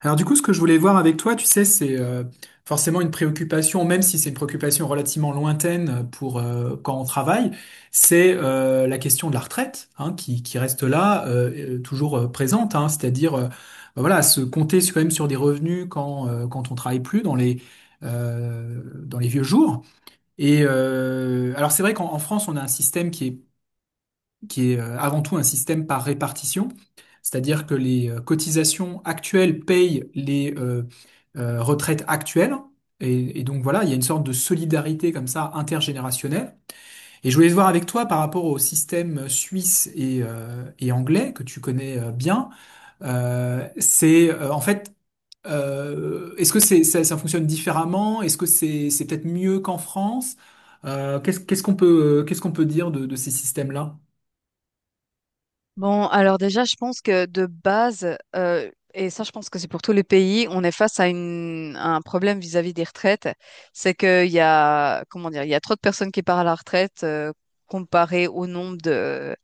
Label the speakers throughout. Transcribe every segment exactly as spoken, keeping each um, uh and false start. Speaker 1: Alors du coup, ce que je voulais voir avec toi, tu sais, c'est euh, forcément une préoccupation, même si c'est une préoccupation relativement lointaine euh, pour euh, quand on travaille, c'est euh, la question de la retraite, hein, qui, qui reste là, euh, euh, toujours euh, présente, hein, c'est-à-dire euh, bah voilà, se compter sur- quand même sur des revenus quand euh, quand on travaille plus dans les euh, dans les vieux jours. Et euh, alors c'est vrai qu'en en France, on a un système qui est qui est euh, avant tout un système par répartition, c'est-à-dire que les euh, cotisations actuelles payent les euh, euh, retraites actuelles. Et, et donc voilà, il y a une sorte de solidarité comme ça intergénérationnelle. Et je voulais voir avec toi par rapport au système euh, suisse et, euh, et anglais que tu connais euh, bien. Euh, c'est euh, en fait, euh, est-ce que c'est, ça, ça fonctionne différemment? Est-ce que c'est, c'est peut-être mieux qu'en France? Euh, qu'est-ce, qu'est-ce qu'on peut, euh, qu'est-ce qu'on peut dire de de ces systèmes-là?
Speaker 2: Bon, alors déjà, je pense que de base, euh, et ça, je pense que c'est pour tous les pays, on est face à, une, à un problème vis-à-vis des retraites. C'est qu'il y a, comment dire, il y a trop de personnes qui partent à la retraite euh, comparé au nombre de,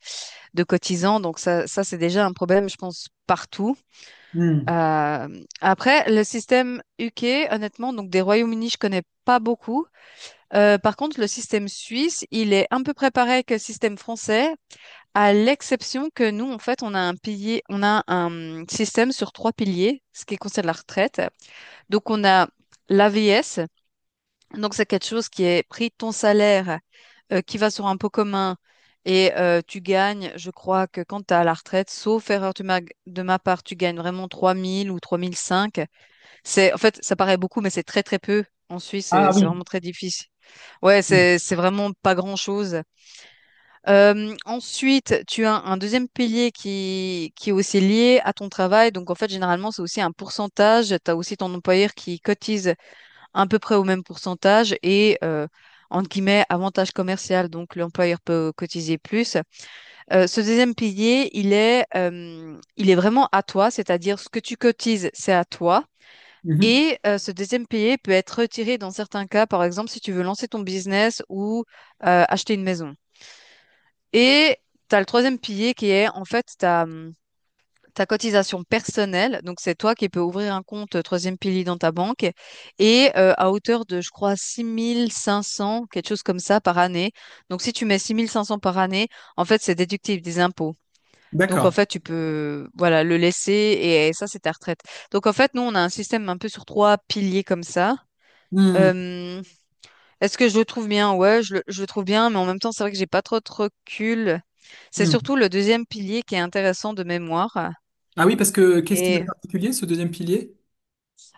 Speaker 2: de cotisants. Donc ça, ça c'est déjà un problème, je pense, partout.
Speaker 1: Hmm.
Speaker 2: Euh, après, le système U K, honnêtement, donc des Royaumes-Unis, je connais pas beaucoup. Euh, par contre, le système suisse, il est un peu préparé que le système français, à l'exception que nous, en fait, on a un pilier, on a un système sur trois piliers, ce qui concerne la retraite. Donc, on a la l'A V S, donc c'est quelque chose qui est pris de ton salaire, euh, qui va sur un pot commun et euh, tu gagnes, je crois que quand tu as la retraite, sauf erreur de ma, de ma part, tu gagnes vraiment trois mille ou trois mille cinq. C'est, en fait, ça paraît beaucoup, mais c'est très très peu. En Suisse, c'est
Speaker 1: Ah
Speaker 2: c'est
Speaker 1: oui.
Speaker 2: vraiment très difficile. Ouais,
Speaker 1: Mhm.
Speaker 2: c'est c'est vraiment pas grand-chose. Euh, ensuite, tu as un deuxième pilier qui, qui est aussi lié à ton travail. Donc, en fait, généralement, c'est aussi un pourcentage. Tu as aussi ton employeur qui cotise à peu près au même pourcentage et, euh, entre guillemets, avantage commercial. Donc, l'employeur peut cotiser plus. Euh, ce deuxième pilier, il est, euh, il est vraiment à toi, c'est-à-dire ce que tu cotises, c'est à toi.
Speaker 1: Mhm.
Speaker 2: Et euh, ce deuxième pilier peut être retiré dans certains cas, par exemple, si tu veux lancer ton business ou euh, acheter une maison. Et tu as le troisième pilier qui est en fait ta, hum, ta cotisation personnelle. Donc c'est toi qui peux ouvrir un compte euh, troisième pilier dans ta banque et euh, à hauteur de, je crois, six mille cinq cents quelque chose comme ça par année. Donc si tu mets six mille cinq cents par année, en fait c'est déductible des impôts. Donc en
Speaker 1: D'accord.
Speaker 2: fait tu peux voilà le laisser et, ça c'est ta retraite. Donc en fait nous on a un système un peu sur trois piliers comme ça.
Speaker 1: Mhm.
Speaker 2: Euh, est-ce que je le trouve bien? Ouais, je le, je le trouve bien, mais en même temps, c'est vrai que j'ai pas trop de recul. C'est
Speaker 1: Mhm.
Speaker 2: surtout le deuxième pilier qui est intéressant de mémoire.
Speaker 1: Ah oui, parce que qu'est-ce qu'il a de
Speaker 2: Et
Speaker 1: particulier, ce deuxième pilier?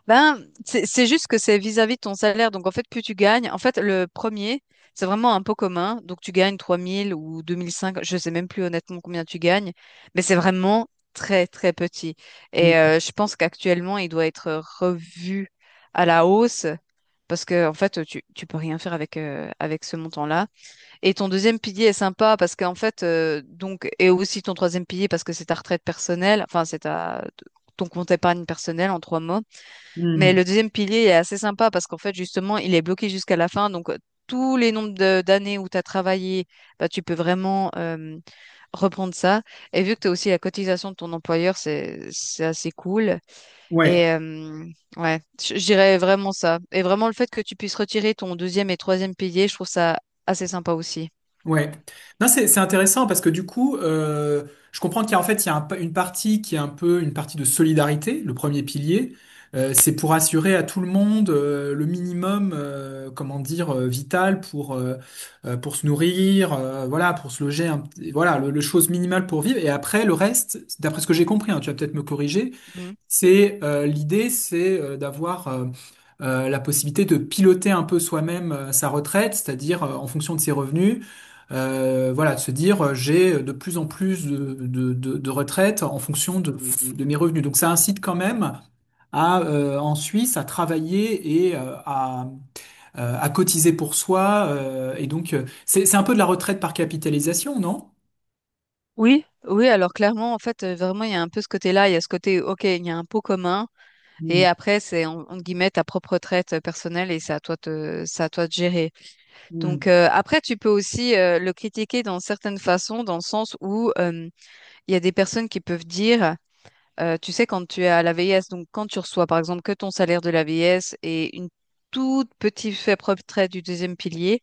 Speaker 2: ben, c'est c'est juste que c'est vis-à-vis de ton salaire. Donc, en fait, plus tu gagnes, en fait, le premier, c'est vraiment un pot commun. Donc, tu gagnes trois mille ou deux mille cinq, je sais même plus honnêtement combien tu gagnes, mais c'est vraiment très, très petit. Et
Speaker 1: Mhm.
Speaker 2: euh, je pense qu'actuellement, il doit être revu à la hausse parce que, en fait, tu, tu peux rien faire avec, euh, avec ce montant-là. Et ton deuxième pilier est sympa parce qu'en fait, euh, donc, et aussi ton troisième pilier parce que c'est ta retraite personnelle, enfin, c'est ta, ton compte épargne personnelle en trois mots. Mais
Speaker 1: Mhm.
Speaker 2: le deuxième pilier est assez sympa parce qu'en fait, justement, il est bloqué jusqu'à la fin. Donc, tous les nombres de- d'années où tu as travaillé, bah, tu peux vraiment euh, reprendre ça. Et vu que tu as aussi la cotisation de ton employeur, c'est, c'est assez cool.
Speaker 1: Ouais,
Speaker 2: Et euh, ouais, je je dirais vraiment ça. Et vraiment le fait que tu puisses retirer ton deuxième et troisième pilier, je trouve ça assez sympa aussi.
Speaker 1: ouais. Non, c'est c'est intéressant parce que du coup, euh, je comprends qu'il y a en fait il y a un pa- une partie qui est un peu une partie de solidarité, le premier pilier. Euh, c'est pour assurer à tout le monde euh, le minimum, euh, comment dire, euh, vital pour euh, euh, pour se nourrir, euh, voilà, pour se loger, un petit- voilà, le, le chose minimale pour vivre. Et après, le reste, d'après ce que j'ai compris, hein, tu vas peut-être me corriger.
Speaker 2: Mhm.
Speaker 1: C'est euh, L'idée, c'est euh, d'avoir euh, euh, la possibilité de piloter un peu soi-même euh, sa retraite, c'est-à-dire euh, en fonction de ses revenus, euh, voilà, de se dire euh, j'ai de plus en plus de, de, de, de retraites en fonction de, de, de mes revenus. Donc ça incite quand même à euh, en Suisse à travailler et euh, à euh, à cotiser pour soi. Euh, et donc euh, c'est c'est un peu de la retraite par capitalisation, non?
Speaker 2: Oui, oui, alors clairement, en fait, euh, vraiment, il y a un peu ce côté-là, il y a ce côté, ok, il y a un pot commun,
Speaker 1: Hmm,
Speaker 2: et après, c'est en, entre guillemets ta propre traite euh, personnelle, et c'est à toi de, c'est à toi de gérer. Donc
Speaker 1: hmm.
Speaker 2: euh, après, tu peux aussi euh, le critiquer dans certaines façons, dans le sens où euh, il y a des personnes qui peuvent dire, euh, tu sais, quand tu es à la V I S, donc quand tu reçois par exemple que ton salaire de la V I S et une toute petite faible retraite du deuxième pilier,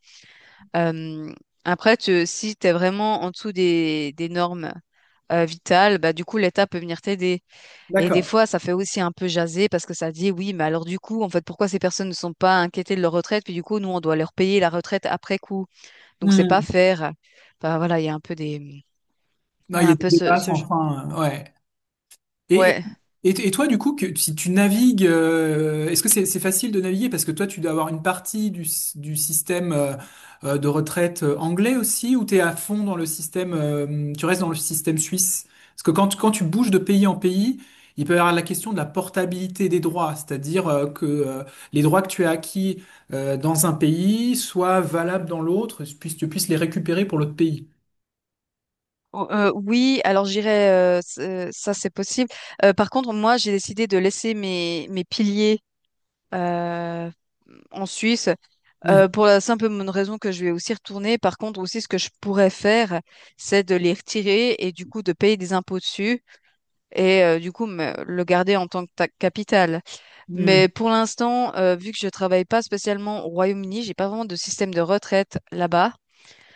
Speaker 2: euh, après, tu, si tu es vraiment en dessous des, des normes euh, vitales, bah, du coup, l'État peut venir t'aider. Et des
Speaker 1: D'accord.
Speaker 2: fois, ça fait aussi un peu jaser parce que ça dit, oui, mais alors du coup, en fait, pourquoi ces personnes ne sont pas inquiétées de leur retraite, puis du coup, nous, on doit leur payer la retraite après coup. Donc c'est pas
Speaker 1: Hmm.
Speaker 2: faire. Enfin voilà, il y a un peu des,
Speaker 1: Non,
Speaker 2: il y
Speaker 1: il
Speaker 2: a
Speaker 1: y a
Speaker 2: un
Speaker 1: des
Speaker 2: peu ce,
Speaker 1: débats
Speaker 2: ce
Speaker 1: sans
Speaker 2: genre.
Speaker 1: fin. euh, Ouais. Et,
Speaker 2: Ouais.
Speaker 1: et, et toi, du coup, que, si tu navigues, euh, est-ce que c'est c'est facile de naviguer? Parce que toi, tu dois avoir une partie du, s- du système euh, euh, de retraite euh, anglais aussi, ou tu es à fond dans le système, euh, tu restes dans le système suisse? Parce que quand, quand tu bouges de pays en pays, il peut y avoir la question de la portabilité des droits, c'est-à-dire euh, que euh, les droits que tu as acquis euh, dans un pays soient valables dans l'autre, puis tu puisses les récupérer pour l'autre pays.
Speaker 2: O- euh, oui, alors j'irai. euh, c'est- ça c'est possible. Euh, par contre, moi j'ai décidé de laisser mes mes piliers euh, en Suisse
Speaker 1: Mhm.
Speaker 2: euh, pour la simple bonne raison que je vais aussi retourner. Par contre, aussi ce que je pourrais faire, c'est de les retirer et du coup de payer des impôts dessus et euh, du coup me- le garder en tant que ta- capital. Mais
Speaker 1: Mhm.
Speaker 2: pour l'instant, euh, vu que je travaille pas spécialement au Royaume-Uni, j'ai pas vraiment de système de retraite là-bas.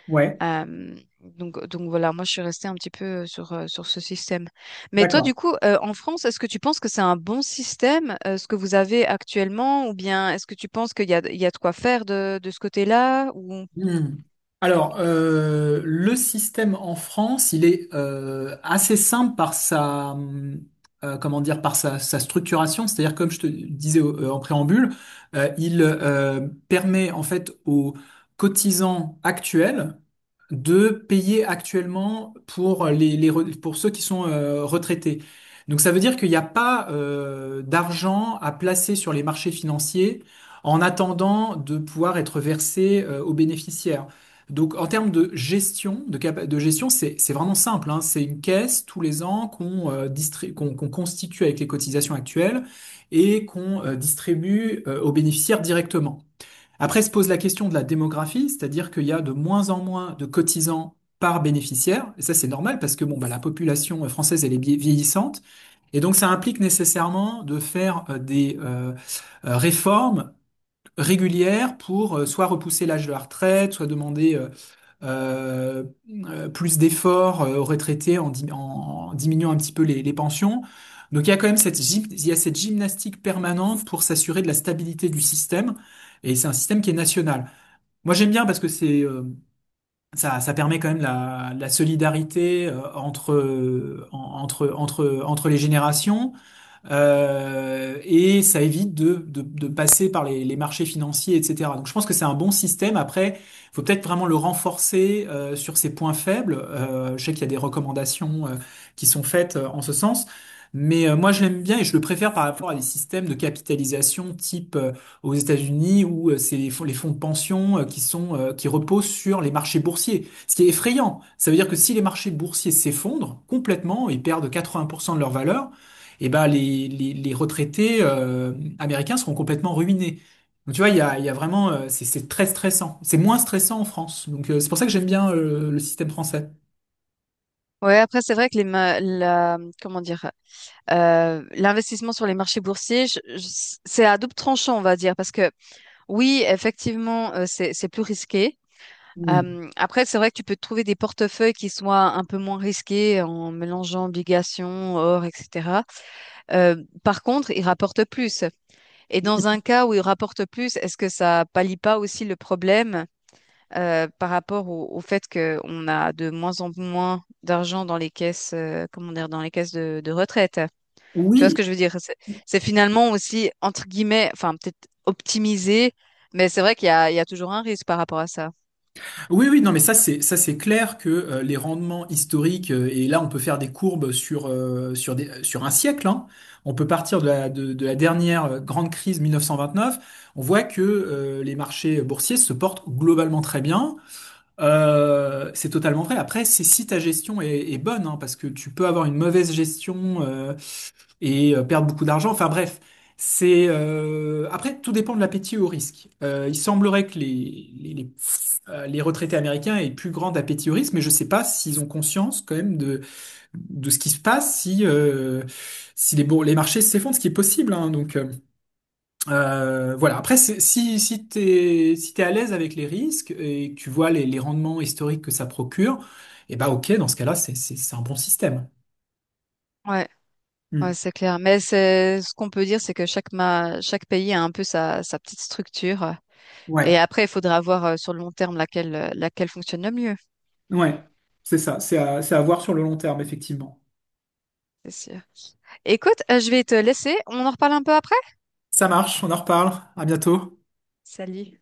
Speaker 1: Ouais,
Speaker 2: Euh, donc, donc voilà, moi je suis restée un petit peu euh, sur, euh, sur ce système. Mais toi,
Speaker 1: d'accord.
Speaker 2: du coup, euh, en France, est-ce que tu penses que c'est un bon système, euh, ce que vous avez actuellement, ou bien est-ce que tu penses qu'il y a, il y a de quoi faire de, de ce côté-là, ou...
Speaker 1: Hmm. Alors, euh, le système en France, il est euh, assez simple par sa, hum, euh, comment dire, par sa, sa structuration. C'est-à-dire, comme je te disais au- euh, en préambule, euh, il euh, permet en fait aux cotisants actuels de payer actuellement pour les, les re- pour ceux qui sont euh, retraités. Donc ça veut dire qu'il n'y a pas euh, d'argent à placer sur les marchés financiers en attendant de pouvoir être versé euh, aux bénéficiaires. Donc en termes de gestion, de, capa- de gestion, c'est c'est vraiment simple, hein. C'est une caisse tous les ans qu'on euh, distri- qu'on qu'on constitue avec les cotisations actuelles et qu'on euh, distribue euh, aux bénéficiaires directement. Après se pose la question de la démographie, c'est-à-dire qu'il y a de moins en moins de cotisants par bénéficiaire. Et ça, c'est normal parce que bon, bah, la population française, elle est vie- vieillissante. Et donc, ça implique nécessairement de faire euh, des euh, euh, réformes régulière pour euh, soit repousser l'âge de la retraite, soit demander euh, euh, euh, plus d'efforts euh, aux retraités en dim- en diminuant un petit peu les, les pensions. Donc il y a quand même cette, gym- il y a cette gymnastique permanente pour s'assurer de la stabilité du système. Et c'est un système qui est national. Moi j'aime bien parce que c'est euh, ça, ça permet quand même la, la solidarité euh, entre, euh, en- entre, entre, entre les générations. Euh, et ça évite de, de, de passer par les, les marchés financiers, et cetera. Donc je pense que c'est un bon système. Après, faut peut-être vraiment le renforcer euh, sur ses points faibles. Euh, je sais qu'il y a des recommandations euh, qui sont faites euh, en ce sens. Mais euh, moi, je l'aime bien et je le préfère par rapport à des systèmes de capitalisation type euh, aux États-Unis où euh, c'est les fonds, les fonds, de pension euh, qui sont euh, qui reposent sur les marchés boursiers. Ce qui est effrayant, ça veut dire que si les marchés boursiers s'effondrent complètement, ils perdent quatre-vingts pour cent de leur valeur, eh ben les, les, les retraités euh, américains seront complètement ruinés. Donc tu vois, il y a, il y a vraiment, euh, c'est c'est très stressant. C'est moins stressant en France. Donc euh, c'est pour ça que j'aime bien euh, le système français.
Speaker 2: Ouais, après, c'est vrai que les ma- la, comment dire, euh, l'investissement sur les marchés boursiers, je- je- c'est à double tranchant, on va dire, parce que oui, effectivement, euh, c'est c'est plus risqué.
Speaker 1: Hmm.
Speaker 2: Euh, après, c'est vrai que tu peux trouver des portefeuilles qui soient un peu moins risqués en mélangeant obligations, or, et cetera. Euh, par contre, ils rapportent plus. Et dans un cas où ils rapportent plus, est-ce que ça pallie pas aussi le problème euh, par rapport au, au fait qu'on a de moins en moins d'argent dans les caisses, euh, comment dire, dans les caisses de, de retraite? Tu vois ce
Speaker 1: Oui,
Speaker 2: que je veux dire? C'est c'est finalement aussi, entre guillemets, enfin, peut-être optimisé, mais c'est vrai qu'il y a, il y a toujours un risque par rapport à ça.
Speaker 1: oui, oui, non, mais ça c'est ça c'est clair que euh, les rendements historiques euh, et là on peut faire des courbes sur euh, sur des, sur un siècle, hein. On peut partir de la de, de la dernière euh, grande crise mille neuf cent vingt-neuf. On voit que euh, les marchés boursiers se portent globalement très bien. Euh, c'est totalement vrai. Après, c'est si ta gestion est, est bonne, hein, parce que tu peux avoir une mauvaise gestion euh, et euh, perdre beaucoup d'argent. Enfin bref, c'est euh, après tout dépend de l'appétit au risque. Euh, il semblerait que les, les, les, euh, les retraités américains aient plus grand appétit au risque, mais je sais pas s'ils ont conscience quand même de de ce qui se passe si euh, si les bours- les marchés s'effondrent, ce qui est possible. Hein. donc euh, euh, voilà. Après, c'est- si, si t'es, si t'es à l'aise avec les risques et que tu vois les, les rendements historiques que ça procure, eh ben, ok, dans ce cas-là, c'est, c'est, c'est un bon système.
Speaker 2: Ouais,
Speaker 1: Hmm.
Speaker 2: ouais, c'est clair. Mais c'est ce qu'on peut dire, c'est que chaque ma- chaque pays a un peu sa, sa petite structure. Et
Speaker 1: Ouais,
Speaker 2: après, il faudra voir euh, sur le long terme laquelle, euh, laquelle fonctionne le mieux,
Speaker 1: ouais. C'est ça. C'est à, c'est à voir sur le long terme, effectivement.
Speaker 2: c'est sûr. Écoute, euh, je vais te laisser. On en reparle un peu après?
Speaker 1: Ça marche. On en reparle. À bientôt.
Speaker 2: Salut.